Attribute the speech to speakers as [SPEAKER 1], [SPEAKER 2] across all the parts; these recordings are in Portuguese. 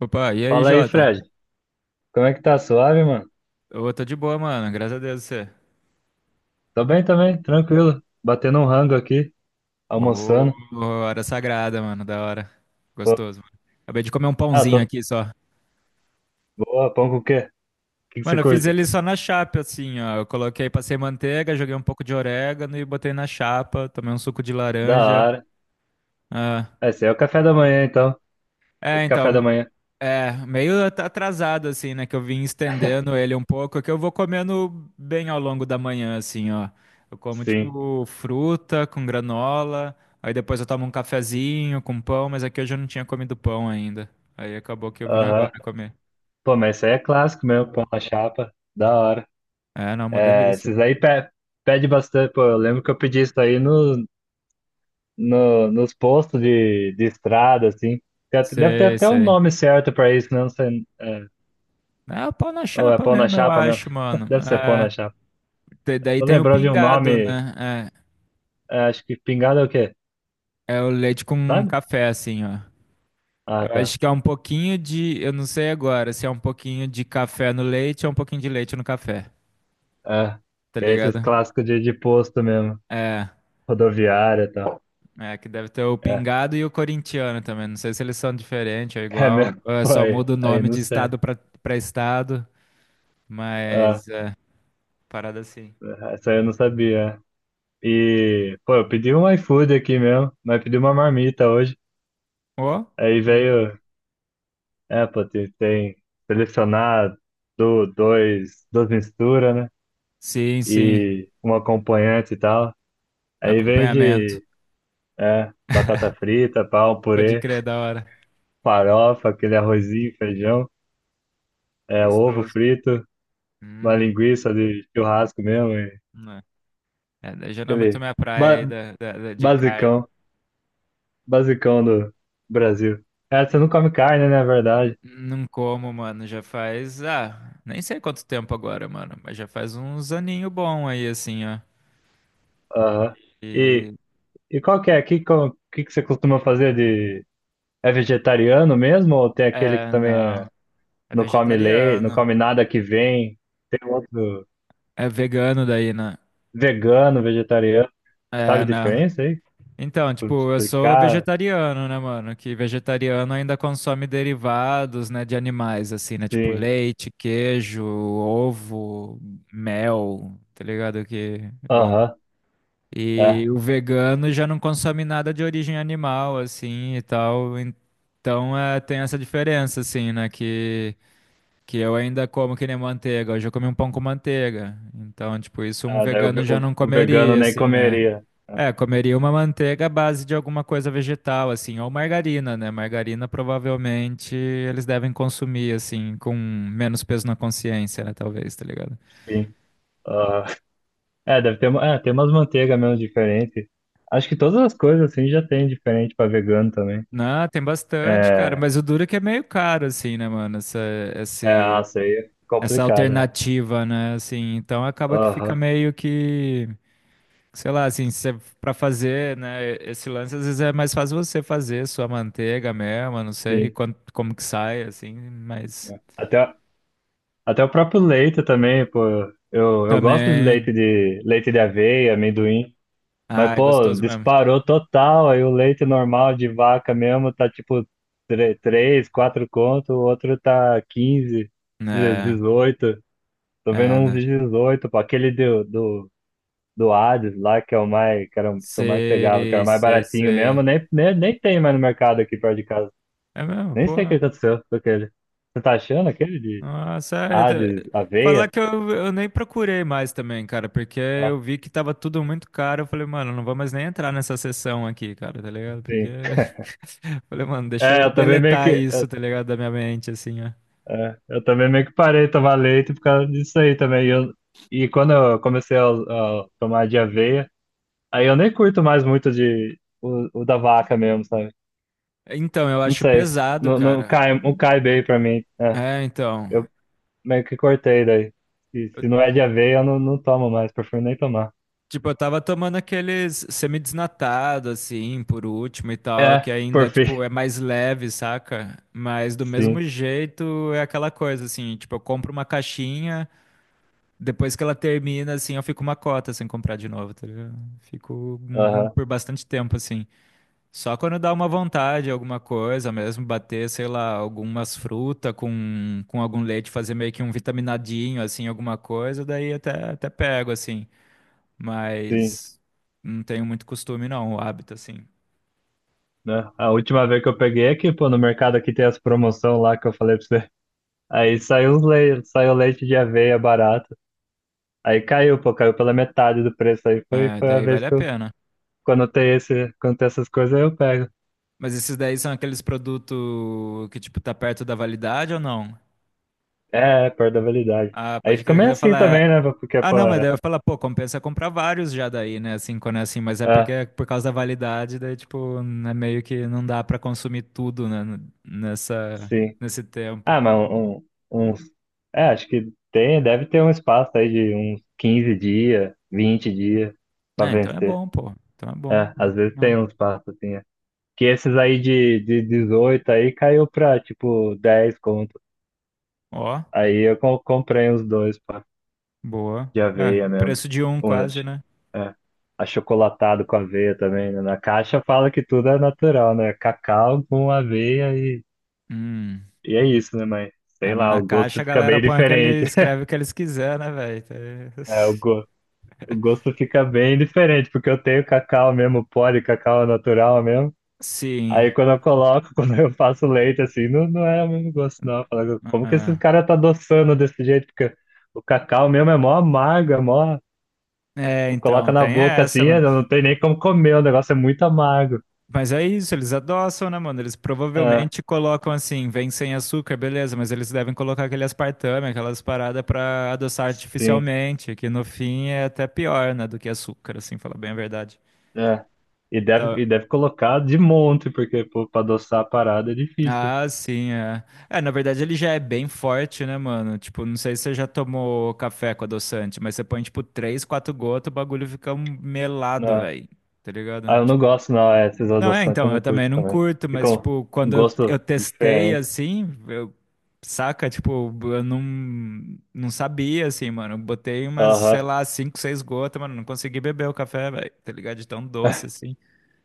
[SPEAKER 1] Opa, e aí,
[SPEAKER 2] Fala aí,
[SPEAKER 1] Jota?
[SPEAKER 2] Fred. Como é que tá? Suave, mano?
[SPEAKER 1] Ô, tô de boa, mano. Graças a Deus, você.
[SPEAKER 2] Tô bem também, tranquilo. Batendo um rango aqui,
[SPEAKER 1] Ô,
[SPEAKER 2] almoçando.
[SPEAKER 1] hora sagrada, mano. Da hora.
[SPEAKER 2] Pô,
[SPEAKER 1] Gostoso, mano. Acabei de comer um
[SPEAKER 2] ah,
[SPEAKER 1] pãozinho
[SPEAKER 2] tô
[SPEAKER 1] aqui só.
[SPEAKER 2] boa. Pão com o quê? O que que você
[SPEAKER 1] Mano, eu fiz
[SPEAKER 2] curte?
[SPEAKER 1] ele só na chapa, assim, ó. Eu coloquei, passei manteiga, joguei um pouco de orégano e botei na chapa. Tomei um suco de
[SPEAKER 2] Da
[SPEAKER 1] laranja.
[SPEAKER 2] hora.
[SPEAKER 1] Ah.
[SPEAKER 2] Ah, esse aí é o café da manhã, então. Tá
[SPEAKER 1] É,
[SPEAKER 2] de café da
[SPEAKER 1] então.
[SPEAKER 2] manhã.
[SPEAKER 1] É, meio atrasado, assim, né? Que eu vim estendendo ele um pouco, é que eu vou comendo bem ao longo da manhã, assim, ó. Eu como,
[SPEAKER 2] Sim.
[SPEAKER 1] tipo, fruta com granola, aí depois eu tomo um cafezinho com pão, mas aqui eu já não tinha comido pão ainda. Aí acabou que eu vim agora
[SPEAKER 2] Aham.
[SPEAKER 1] comer.
[SPEAKER 2] Pô, mas isso aí é clássico mesmo, pão na chapa. Da hora.
[SPEAKER 1] É, não, uma
[SPEAKER 2] É,
[SPEAKER 1] delícia.
[SPEAKER 2] esses aí pede bastante. Pô, eu lembro que eu pedi isso aí no, no, nos postos de estrada, assim. Deve ter
[SPEAKER 1] Sei,
[SPEAKER 2] até um
[SPEAKER 1] sei.
[SPEAKER 2] nome certo pra isso, né? Não sei, é,
[SPEAKER 1] É o pão na
[SPEAKER 2] ou é
[SPEAKER 1] chapa
[SPEAKER 2] pão na
[SPEAKER 1] mesmo, eu
[SPEAKER 2] chapa mesmo?
[SPEAKER 1] acho, mano.
[SPEAKER 2] Deve ser pão
[SPEAKER 1] É,
[SPEAKER 2] na chapa.
[SPEAKER 1] daí
[SPEAKER 2] Tô
[SPEAKER 1] tem o
[SPEAKER 2] lembrando de um
[SPEAKER 1] pingado,
[SPEAKER 2] nome,
[SPEAKER 1] né?
[SPEAKER 2] é, acho que pingado é o quê?
[SPEAKER 1] É, é o leite com
[SPEAKER 2] Sabe?
[SPEAKER 1] café, assim, ó.
[SPEAKER 2] Ah,
[SPEAKER 1] Eu
[SPEAKER 2] tá.
[SPEAKER 1] acho que é um pouquinho de, eu não sei agora, se é um pouquinho de café no leite ou um pouquinho de leite no café,
[SPEAKER 2] É,
[SPEAKER 1] tá
[SPEAKER 2] que é esses
[SPEAKER 1] ligado?
[SPEAKER 2] clássicos de posto mesmo,
[SPEAKER 1] É,
[SPEAKER 2] rodoviária e tal.
[SPEAKER 1] é que deve ter o
[SPEAKER 2] É,
[SPEAKER 1] pingado e o corintiano também. Não sei se eles são diferentes ou
[SPEAKER 2] é
[SPEAKER 1] igual.
[SPEAKER 2] mesmo,
[SPEAKER 1] Ou é só
[SPEAKER 2] foi.
[SPEAKER 1] muda o
[SPEAKER 2] Aí
[SPEAKER 1] nome
[SPEAKER 2] não
[SPEAKER 1] de
[SPEAKER 2] sei.
[SPEAKER 1] estado pra para estado,
[SPEAKER 2] Ah,
[SPEAKER 1] mas é parada assim.
[SPEAKER 2] essa aí eu não sabia. E, pô, eu pedi um iFood aqui mesmo, mas pedi uma marmita hoje.
[SPEAKER 1] Ó.
[SPEAKER 2] Aí
[SPEAKER 1] Yeah.
[SPEAKER 2] veio, é, pô, tem selecionar do, dois, duas misturas, né?
[SPEAKER 1] Sim, sim.
[SPEAKER 2] E um acompanhante e tal. Aí veio
[SPEAKER 1] Acompanhamento.
[SPEAKER 2] de, é, batata frita, pau,
[SPEAKER 1] Pode
[SPEAKER 2] purê,
[SPEAKER 1] crer, da hora.
[SPEAKER 2] farofa, aquele arrozinho, feijão, é, ovo
[SPEAKER 1] Gostoso.
[SPEAKER 2] frito, uma
[SPEAKER 1] Hum,
[SPEAKER 2] linguiça de churrasco mesmo, e
[SPEAKER 1] né. É, daí já não é muito
[SPEAKER 2] aquele
[SPEAKER 1] minha praia aí
[SPEAKER 2] ba
[SPEAKER 1] de carne.
[SPEAKER 2] basicão, basicão do Brasil. É, você não come carne, né, é verdade.
[SPEAKER 1] Não como, mano, já faz, ah, nem sei quanto tempo agora, mano, mas já faz uns aninho bom aí, assim, ó.
[SPEAKER 2] Aham. E,
[SPEAKER 1] E,
[SPEAKER 2] e qual que é? Que você costuma fazer de... É vegetariano mesmo ou tem aquele que
[SPEAKER 1] é,
[SPEAKER 2] também é,
[SPEAKER 1] não, é
[SPEAKER 2] não come leite, não
[SPEAKER 1] vegetariano,
[SPEAKER 2] come nada que vem? Tem outro
[SPEAKER 1] é vegano daí, né?
[SPEAKER 2] vegano, vegetariano, sabe
[SPEAKER 1] É,
[SPEAKER 2] a
[SPEAKER 1] não.
[SPEAKER 2] diferença aí?
[SPEAKER 1] Então,
[SPEAKER 2] Por
[SPEAKER 1] tipo, eu sou
[SPEAKER 2] explicar,
[SPEAKER 1] vegetariano, né, mano, que vegetariano ainda consome derivados, né, de animais, assim, né, tipo
[SPEAKER 2] sim.
[SPEAKER 1] leite, queijo, ovo, mel, tá ligado que, bom...
[SPEAKER 2] Aham. É.
[SPEAKER 1] E o vegano já não consome nada de origem animal, assim, e tal. Então é, tem essa diferença, assim, né? Que eu ainda como que nem manteiga. Hoje eu comi um pão com manteiga. Então, tipo, isso um
[SPEAKER 2] Ah, daí o,
[SPEAKER 1] vegano
[SPEAKER 2] ve-
[SPEAKER 1] já
[SPEAKER 2] o-
[SPEAKER 1] não
[SPEAKER 2] o vegano
[SPEAKER 1] comeria,
[SPEAKER 2] nem
[SPEAKER 1] assim, é.
[SPEAKER 2] comeria.
[SPEAKER 1] É, comeria uma manteiga à base de alguma coisa vegetal, assim, ou margarina, né? Margarina provavelmente eles devem consumir, assim, com menos peso na consciência, né? Talvez, tá ligado?
[SPEAKER 2] Sim. Ah, é, deve ter, tem umas manteigas mesmo diferentes. Acho que todas as coisas assim já tem diferente para vegano também.
[SPEAKER 1] Não, tem bastante, cara,
[SPEAKER 2] É,
[SPEAKER 1] mas o duro é que é meio caro, assim, né, mano?
[SPEAKER 2] é,
[SPEAKER 1] Esse,
[SPEAKER 2] isso aí é
[SPEAKER 1] essa
[SPEAKER 2] complicado, né?
[SPEAKER 1] alternativa, né? Assim, então acaba que fica
[SPEAKER 2] Aham,
[SPEAKER 1] meio que, sei lá, assim, cê, pra fazer, né? Esse lance às vezes é mais fácil você fazer sua manteiga mesmo, não sei
[SPEAKER 2] sim.
[SPEAKER 1] quanto, como que sai, assim, mas
[SPEAKER 2] É. Até o próprio leite também, pô. Eu gosto de leite
[SPEAKER 1] também.
[SPEAKER 2] de leite de aveia, amendoim. Mas,
[SPEAKER 1] Ah, é
[SPEAKER 2] pô,
[SPEAKER 1] gostoso mesmo.
[SPEAKER 2] disparou total. Aí o leite normal de vaca mesmo tá tipo 3 4 conto, o outro tá 15
[SPEAKER 1] É,
[SPEAKER 2] dezoito. Tô vendo
[SPEAKER 1] é,
[SPEAKER 2] uns
[SPEAKER 1] né?
[SPEAKER 2] de 18, pô. Aquele do, do Hades lá, que é o mais, que era, que eu mais pegava, que era
[SPEAKER 1] Sei,
[SPEAKER 2] o mais
[SPEAKER 1] sei,
[SPEAKER 2] baratinho mesmo.
[SPEAKER 1] sei.
[SPEAKER 2] Nem tem mais no mercado aqui perto de casa.
[SPEAKER 1] É mesmo,
[SPEAKER 2] Nem
[SPEAKER 1] pô.
[SPEAKER 2] sei o que aconteceu com aquele. Você tá achando aquele de
[SPEAKER 1] Nossa, é, tá-
[SPEAKER 2] Hades,
[SPEAKER 1] falar
[SPEAKER 2] aveia?
[SPEAKER 1] que eu nem procurei mais também, cara, porque
[SPEAKER 2] Ah,
[SPEAKER 1] eu vi que tava tudo muito caro. Eu falei, mano, não vou mais nem entrar nessa sessão aqui, cara, tá ligado? Porque.
[SPEAKER 2] sim.
[SPEAKER 1] Falei, mano, deixa eu
[SPEAKER 2] É, eu também meio
[SPEAKER 1] deletar
[SPEAKER 2] que.
[SPEAKER 1] isso, tá ligado? Da minha mente, assim, ó.
[SPEAKER 2] É, eu também meio que parei de tomar leite por causa disso aí também. E quando eu comecei a tomar de aveia, aí eu nem curto mais muito de o da vaca mesmo, sabe?
[SPEAKER 1] Então, eu
[SPEAKER 2] Não
[SPEAKER 1] acho
[SPEAKER 2] sei.
[SPEAKER 1] pesado,
[SPEAKER 2] Não, não
[SPEAKER 1] cara.
[SPEAKER 2] cai, não cai bem pra mim. É,
[SPEAKER 1] É, então.
[SPEAKER 2] eu meio que cortei daí. E
[SPEAKER 1] Eu-
[SPEAKER 2] se não é de aveia, eu não tomo mais, prefiro nem tomar.
[SPEAKER 1] tipo, eu tava tomando aqueles semidesnatado, assim, por último e tal,
[SPEAKER 2] É,
[SPEAKER 1] que ainda,
[SPEAKER 2] por fim.
[SPEAKER 1] tipo, é mais leve, saca? Mas do mesmo
[SPEAKER 2] Sim,
[SPEAKER 1] jeito é aquela coisa, assim, tipo, eu compro uma caixinha. Depois que ela termina, assim, eu fico uma cota sem comprar de novo, tá ligado? Fico
[SPEAKER 2] aham,
[SPEAKER 1] por bastante tempo, assim. Só quando dá uma vontade, alguma coisa mesmo, bater, sei lá, algumas frutas com algum leite, fazer meio que um vitaminadinho, assim, alguma coisa, daí até, até pego, assim.
[SPEAKER 2] sim.
[SPEAKER 1] Mas não tenho muito costume, não, o hábito, assim.
[SPEAKER 2] Né? A última vez que eu peguei é que, pô, no mercado aqui tem as promoções lá que eu falei pra você. Aí saiu os leite, saiu leite de aveia barato. Aí caiu, pô, caiu pela metade do preço. Aí foi,
[SPEAKER 1] É,
[SPEAKER 2] foi a
[SPEAKER 1] daí
[SPEAKER 2] vez
[SPEAKER 1] vale a
[SPEAKER 2] que eu,
[SPEAKER 1] pena.
[SPEAKER 2] quando tem esse, quando tem essas coisas, aí eu pego.
[SPEAKER 1] Mas esses daí são aqueles produtos que, tipo, tá perto da validade ou não?
[SPEAKER 2] É, é, perto da validade.
[SPEAKER 1] Ah,
[SPEAKER 2] Aí
[SPEAKER 1] pode
[SPEAKER 2] fica
[SPEAKER 1] querer que
[SPEAKER 2] meio
[SPEAKER 1] eu
[SPEAKER 2] assim também,
[SPEAKER 1] falar.
[SPEAKER 2] né? Porque,
[SPEAKER 1] Ah,
[SPEAKER 2] pô,
[SPEAKER 1] não, mas daí
[SPEAKER 2] é,
[SPEAKER 1] eu falar, pô, compensa comprar vários já daí, né? Assim, quando é assim, mas é porque
[SPEAKER 2] é,
[SPEAKER 1] é por causa da validade, daí, tipo, é meio que não dá pra consumir tudo, né? Nessa,
[SPEAKER 2] sim.
[SPEAKER 1] nesse tempo.
[SPEAKER 2] Ah, mas um, uns- acho que tem, deve ter um espaço aí de uns 15 dias, 20 dias pra
[SPEAKER 1] É, então é
[SPEAKER 2] vencer.
[SPEAKER 1] bom, pô. Então é bom.
[SPEAKER 2] É,
[SPEAKER 1] Não,
[SPEAKER 2] às
[SPEAKER 1] é ruim,
[SPEAKER 2] vezes
[SPEAKER 1] não.
[SPEAKER 2] tem um espaço assim, é. Que esses aí de 18 aí caiu pra, tipo, 10 conto.
[SPEAKER 1] Ó,
[SPEAKER 2] Aí eu comprei os dois.
[SPEAKER 1] boa.
[SPEAKER 2] De
[SPEAKER 1] É,
[SPEAKER 2] aveia mesmo.
[SPEAKER 1] preço de um
[SPEAKER 2] Unas.
[SPEAKER 1] quase, né?
[SPEAKER 2] É. Achocolatado com aveia também, né? Na caixa fala que tudo é natural, né? Cacau com aveia e,
[SPEAKER 1] Hum.
[SPEAKER 2] e é isso, né? Mas
[SPEAKER 1] É,
[SPEAKER 2] sei
[SPEAKER 1] mas
[SPEAKER 2] lá,
[SPEAKER 1] na
[SPEAKER 2] o
[SPEAKER 1] caixa
[SPEAKER 2] gosto
[SPEAKER 1] a
[SPEAKER 2] fica
[SPEAKER 1] galera
[SPEAKER 2] bem
[SPEAKER 1] põe aquele,
[SPEAKER 2] diferente.
[SPEAKER 1] escreve o que eles quiser, né, velho? Tá-
[SPEAKER 2] É, o gosto fica bem diferente, porque eu tenho cacau mesmo, pó de cacau natural mesmo. Aí
[SPEAKER 1] Sim.
[SPEAKER 2] quando eu coloco, quando eu faço leite, assim, não, não é o mesmo gosto, não. Eu falo, como que esses
[SPEAKER 1] Ah.
[SPEAKER 2] caras tá adoçando desse jeito? Porque o cacau mesmo é mó amargo, é mó.
[SPEAKER 1] É, então,
[SPEAKER 2] Coloca na
[SPEAKER 1] tem
[SPEAKER 2] boca
[SPEAKER 1] essa,
[SPEAKER 2] assim, é,
[SPEAKER 1] mano.
[SPEAKER 2] não tem nem como comer, o negócio é muito amargo.
[SPEAKER 1] Mas é isso, eles adoçam, né, mano? Eles
[SPEAKER 2] É,
[SPEAKER 1] provavelmente colocam assim, vem sem açúcar, beleza, mas eles devem colocar aquele aspartame, aquelas paradas pra adoçar
[SPEAKER 2] sim,
[SPEAKER 1] artificialmente, que no fim é até pior, né, do que açúcar, assim, falar bem a verdade.
[SPEAKER 2] é. E
[SPEAKER 1] Então,
[SPEAKER 2] deve, e deve colocar de monte, porque pô, pra adoçar a parada é difícil.
[SPEAKER 1] ah, sim, é. É, na verdade ele já é bem forte, né, mano? Tipo, não sei se você já tomou café com adoçante, mas você põe, tipo, três, quatro gotas, o bagulho fica um melado,
[SPEAKER 2] Né?
[SPEAKER 1] velho. Tá
[SPEAKER 2] Ah,
[SPEAKER 1] ligado?
[SPEAKER 2] eu não
[SPEAKER 1] Tipo.
[SPEAKER 2] gosto, não, é, esses
[SPEAKER 1] Não, é,
[SPEAKER 2] adoçantes eu
[SPEAKER 1] então, eu
[SPEAKER 2] não
[SPEAKER 1] também
[SPEAKER 2] curto
[SPEAKER 1] não
[SPEAKER 2] também.
[SPEAKER 1] curto, mas,
[SPEAKER 2] Ficam
[SPEAKER 1] tipo,
[SPEAKER 2] um
[SPEAKER 1] quando eu
[SPEAKER 2] gosto
[SPEAKER 1] testei,
[SPEAKER 2] diferente.
[SPEAKER 1] assim, eu, saca, tipo, eu não, não sabia, assim, mano, eu botei umas, sei
[SPEAKER 2] Aham.
[SPEAKER 1] lá, cinco, seis gotas, mano, não consegui beber o café, velho, tá ligado? De tão doce, assim,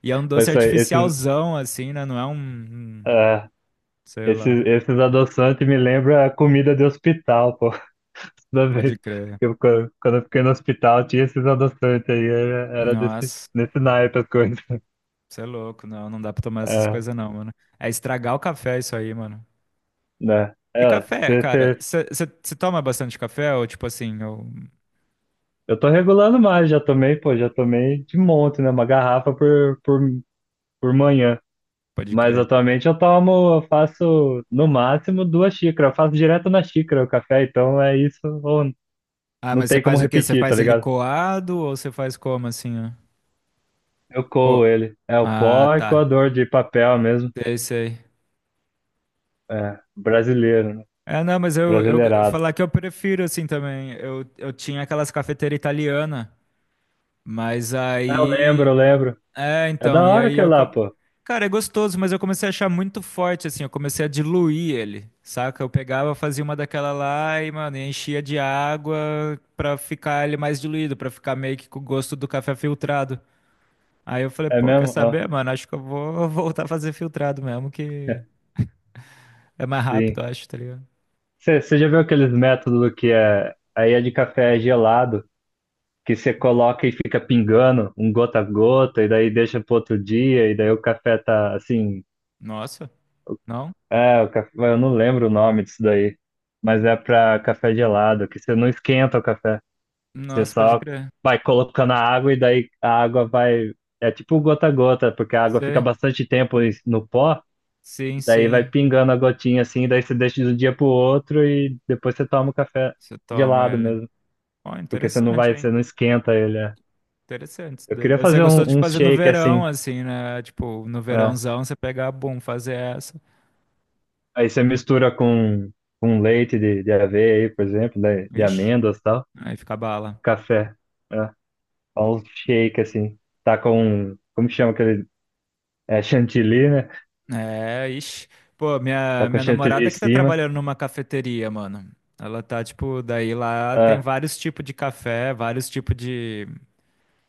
[SPEAKER 1] e é um doce
[SPEAKER 2] Mas isso aí,
[SPEAKER 1] artificialzão, assim, né, não é um,
[SPEAKER 2] é,
[SPEAKER 1] sei lá.
[SPEAKER 2] esses adoçantes me lembram a comida de hospital, pô. Toda vez
[SPEAKER 1] Pode crer.
[SPEAKER 2] que eu, quando quando eu fiquei no hospital, tinha esses adoçantes aí, era desse,
[SPEAKER 1] Nossa,
[SPEAKER 2] nesse naipe as coisas.
[SPEAKER 1] você é louco, não, não dá pra tomar essas
[SPEAKER 2] É.
[SPEAKER 1] coisas não, mano, é estragar o café isso aí, mano.
[SPEAKER 2] Né?
[SPEAKER 1] E
[SPEAKER 2] É,
[SPEAKER 1] café, cara, você toma bastante café ou, tipo assim, ou
[SPEAKER 2] eu tô regulando mais, já tomei, pô, já tomei de monte, né? Uma garrafa por manhã.
[SPEAKER 1] pode
[SPEAKER 2] Mas
[SPEAKER 1] crer?
[SPEAKER 2] atualmente eu tomo, eu faço no máximo 2 xícaras. Eu faço direto na xícara o café, então é isso, ou
[SPEAKER 1] Ah,
[SPEAKER 2] não
[SPEAKER 1] mas você
[SPEAKER 2] tem como
[SPEAKER 1] faz o quê? Você
[SPEAKER 2] repetir, tá
[SPEAKER 1] faz ele
[SPEAKER 2] ligado?
[SPEAKER 1] coado ou você faz como assim? Ó?
[SPEAKER 2] Eu
[SPEAKER 1] Ou-
[SPEAKER 2] coo ele. É o
[SPEAKER 1] ah,
[SPEAKER 2] pó e
[SPEAKER 1] tá.
[SPEAKER 2] coador de papel mesmo.
[SPEAKER 1] Sei, sei.
[SPEAKER 2] É, brasileiro, né?
[SPEAKER 1] É, não, mas eu
[SPEAKER 2] Brasileirado.
[SPEAKER 1] falar que eu prefiro assim também. Eu tinha aquelas cafeteiras italianas, mas
[SPEAKER 2] Ah, eu lembro,
[SPEAKER 1] aí.
[SPEAKER 2] eu lembro.
[SPEAKER 1] É,
[SPEAKER 2] É da
[SPEAKER 1] então, e
[SPEAKER 2] hora
[SPEAKER 1] aí
[SPEAKER 2] que é
[SPEAKER 1] eu.
[SPEAKER 2] lá,
[SPEAKER 1] Co-
[SPEAKER 2] pô.
[SPEAKER 1] cara, é gostoso, mas eu comecei a achar muito forte, assim. Eu comecei a diluir ele, saca? Eu pegava, fazia uma daquela lá e, mano, enchia de água pra ficar ele mais diluído, pra ficar meio que com o gosto do café filtrado. Aí eu falei,
[SPEAKER 2] É
[SPEAKER 1] pô, quer
[SPEAKER 2] mesmo? Ó,
[SPEAKER 1] saber, mano? Acho que eu vou voltar a fazer filtrado mesmo, que é mais rápido,
[SPEAKER 2] sim.
[SPEAKER 1] acho, tá ligado?
[SPEAKER 2] Você já viu aqueles métodos que é, aí é de café gelado, que você coloca e fica pingando um gota a gota, e daí deixa pro outro dia, e daí o café tá assim.
[SPEAKER 1] Nossa, não?
[SPEAKER 2] É, o café, eu não lembro o nome disso daí, mas é pra café gelado, que você não esquenta o café, você
[SPEAKER 1] Nossa, pode
[SPEAKER 2] só
[SPEAKER 1] crer.
[SPEAKER 2] vai colocando a água e daí a água vai. É tipo gota a gota, porque a água fica
[SPEAKER 1] Sei.
[SPEAKER 2] bastante tempo no pó,
[SPEAKER 1] Sim,
[SPEAKER 2] e daí vai
[SPEAKER 1] sim.
[SPEAKER 2] pingando a gotinha assim, e daí você deixa de um dia pro outro e depois você toma o café
[SPEAKER 1] Você toma
[SPEAKER 2] gelado
[SPEAKER 1] ele.
[SPEAKER 2] mesmo.
[SPEAKER 1] Ó,
[SPEAKER 2] Porque você não
[SPEAKER 1] interessante,
[SPEAKER 2] vai,
[SPEAKER 1] hein?
[SPEAKER 2] você não esquenta ele. É.
[SPEAKER 1] Interessante isso
[SPEAKER 2] Eu
[SPEAKER 1] daí.
[SPEAKER 2] queria
[SPEAKER 1] Daí você
[SPEAKER 2] fazer um,
[SPEAKER 1] gostou de
[SPEAKER 2] um
[SPEAKER 1] fazer no
[SPEAKER 2] shake
[SPEAKER 1] verão,
[SPEAKER 2] assim.
[SPEAKER 1] assim, né? Tipo, no
[SPEAKER 2] É.
[SPEAKER 1] verãozão, você pegar, bum, fazer essa.
[SPEAKER 2] Aí você mistura com leite de aveia aí, por exemplo, de
[SPEAKER 1] Vixe,
[SPEAKER 2] amêndoas e tal.
[SPEAKER 1] aí fica bala.
[SPEAKER 2] Café. É. Faz um shake assim. Tá com, como chama aquele? É chantilly, né?
[SPEAKER 1] É, ixi. Pô,
[SPEAKER 2] Tá com
[SPEAKER 1] minha
[SPEAKER 2] chantilly em
[SPEAKER 1] namorada que tá
[SPEAKER 2] cima.
[SPEAKER 1] trabalhando numa cafeteria, mano. Ela tá, tipo, daí lá tem
[SPEAKER 2] É.
[SPEAKER 1] vários tipos de café, vários tipos de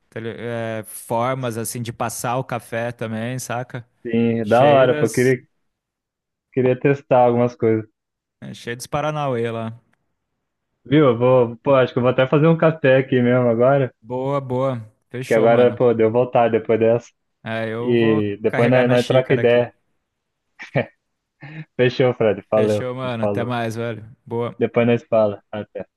[SPEAKER 1] formas, assim, de passar o café também, saca?
[SPEAKER 2] Sim, da
[SPEAKER 1] Cheio
[SPEAKER 2] hora, pô. Eu
[SPEAKER 1] das,
[SPEAKER 2] queria, queria testar algumas coisas.
[SPEAKER 1] cheio dos Paranauê lá.
[SPEAKER 2] Viu? Eu vou, pô, acho que eu vou até fazer um café aqui mesmo agora.
[SPEAKER 1] Boa, boa.
[SPEAKER 2] Que
[SPEAKER 1] Fechou,
[SPEAKER 2] agora,
[SPEAKER 1] mano.
[SPEAKER 2] pô, deu vontade depois dessa.
[SPEAKER 1] É, eu vou
[SPEAKER 2] E depois
[SPEAKER 1] carregar
[SPEAKER 2] nós,
[SPEAKER 1] minha
[SPEAKER 2] nós troca
[SPEAKER 1] xícara aqui.
[SPEAKER 2] ideia. Fechou, Fred. Falou.
[SPEAKER 1] Fechou, mano. Até
[SPEAKER 2] Falou.
[SPEAKER 1] mais, velho. Boa.
[SPEAKER 2] Depois nós fala. Até.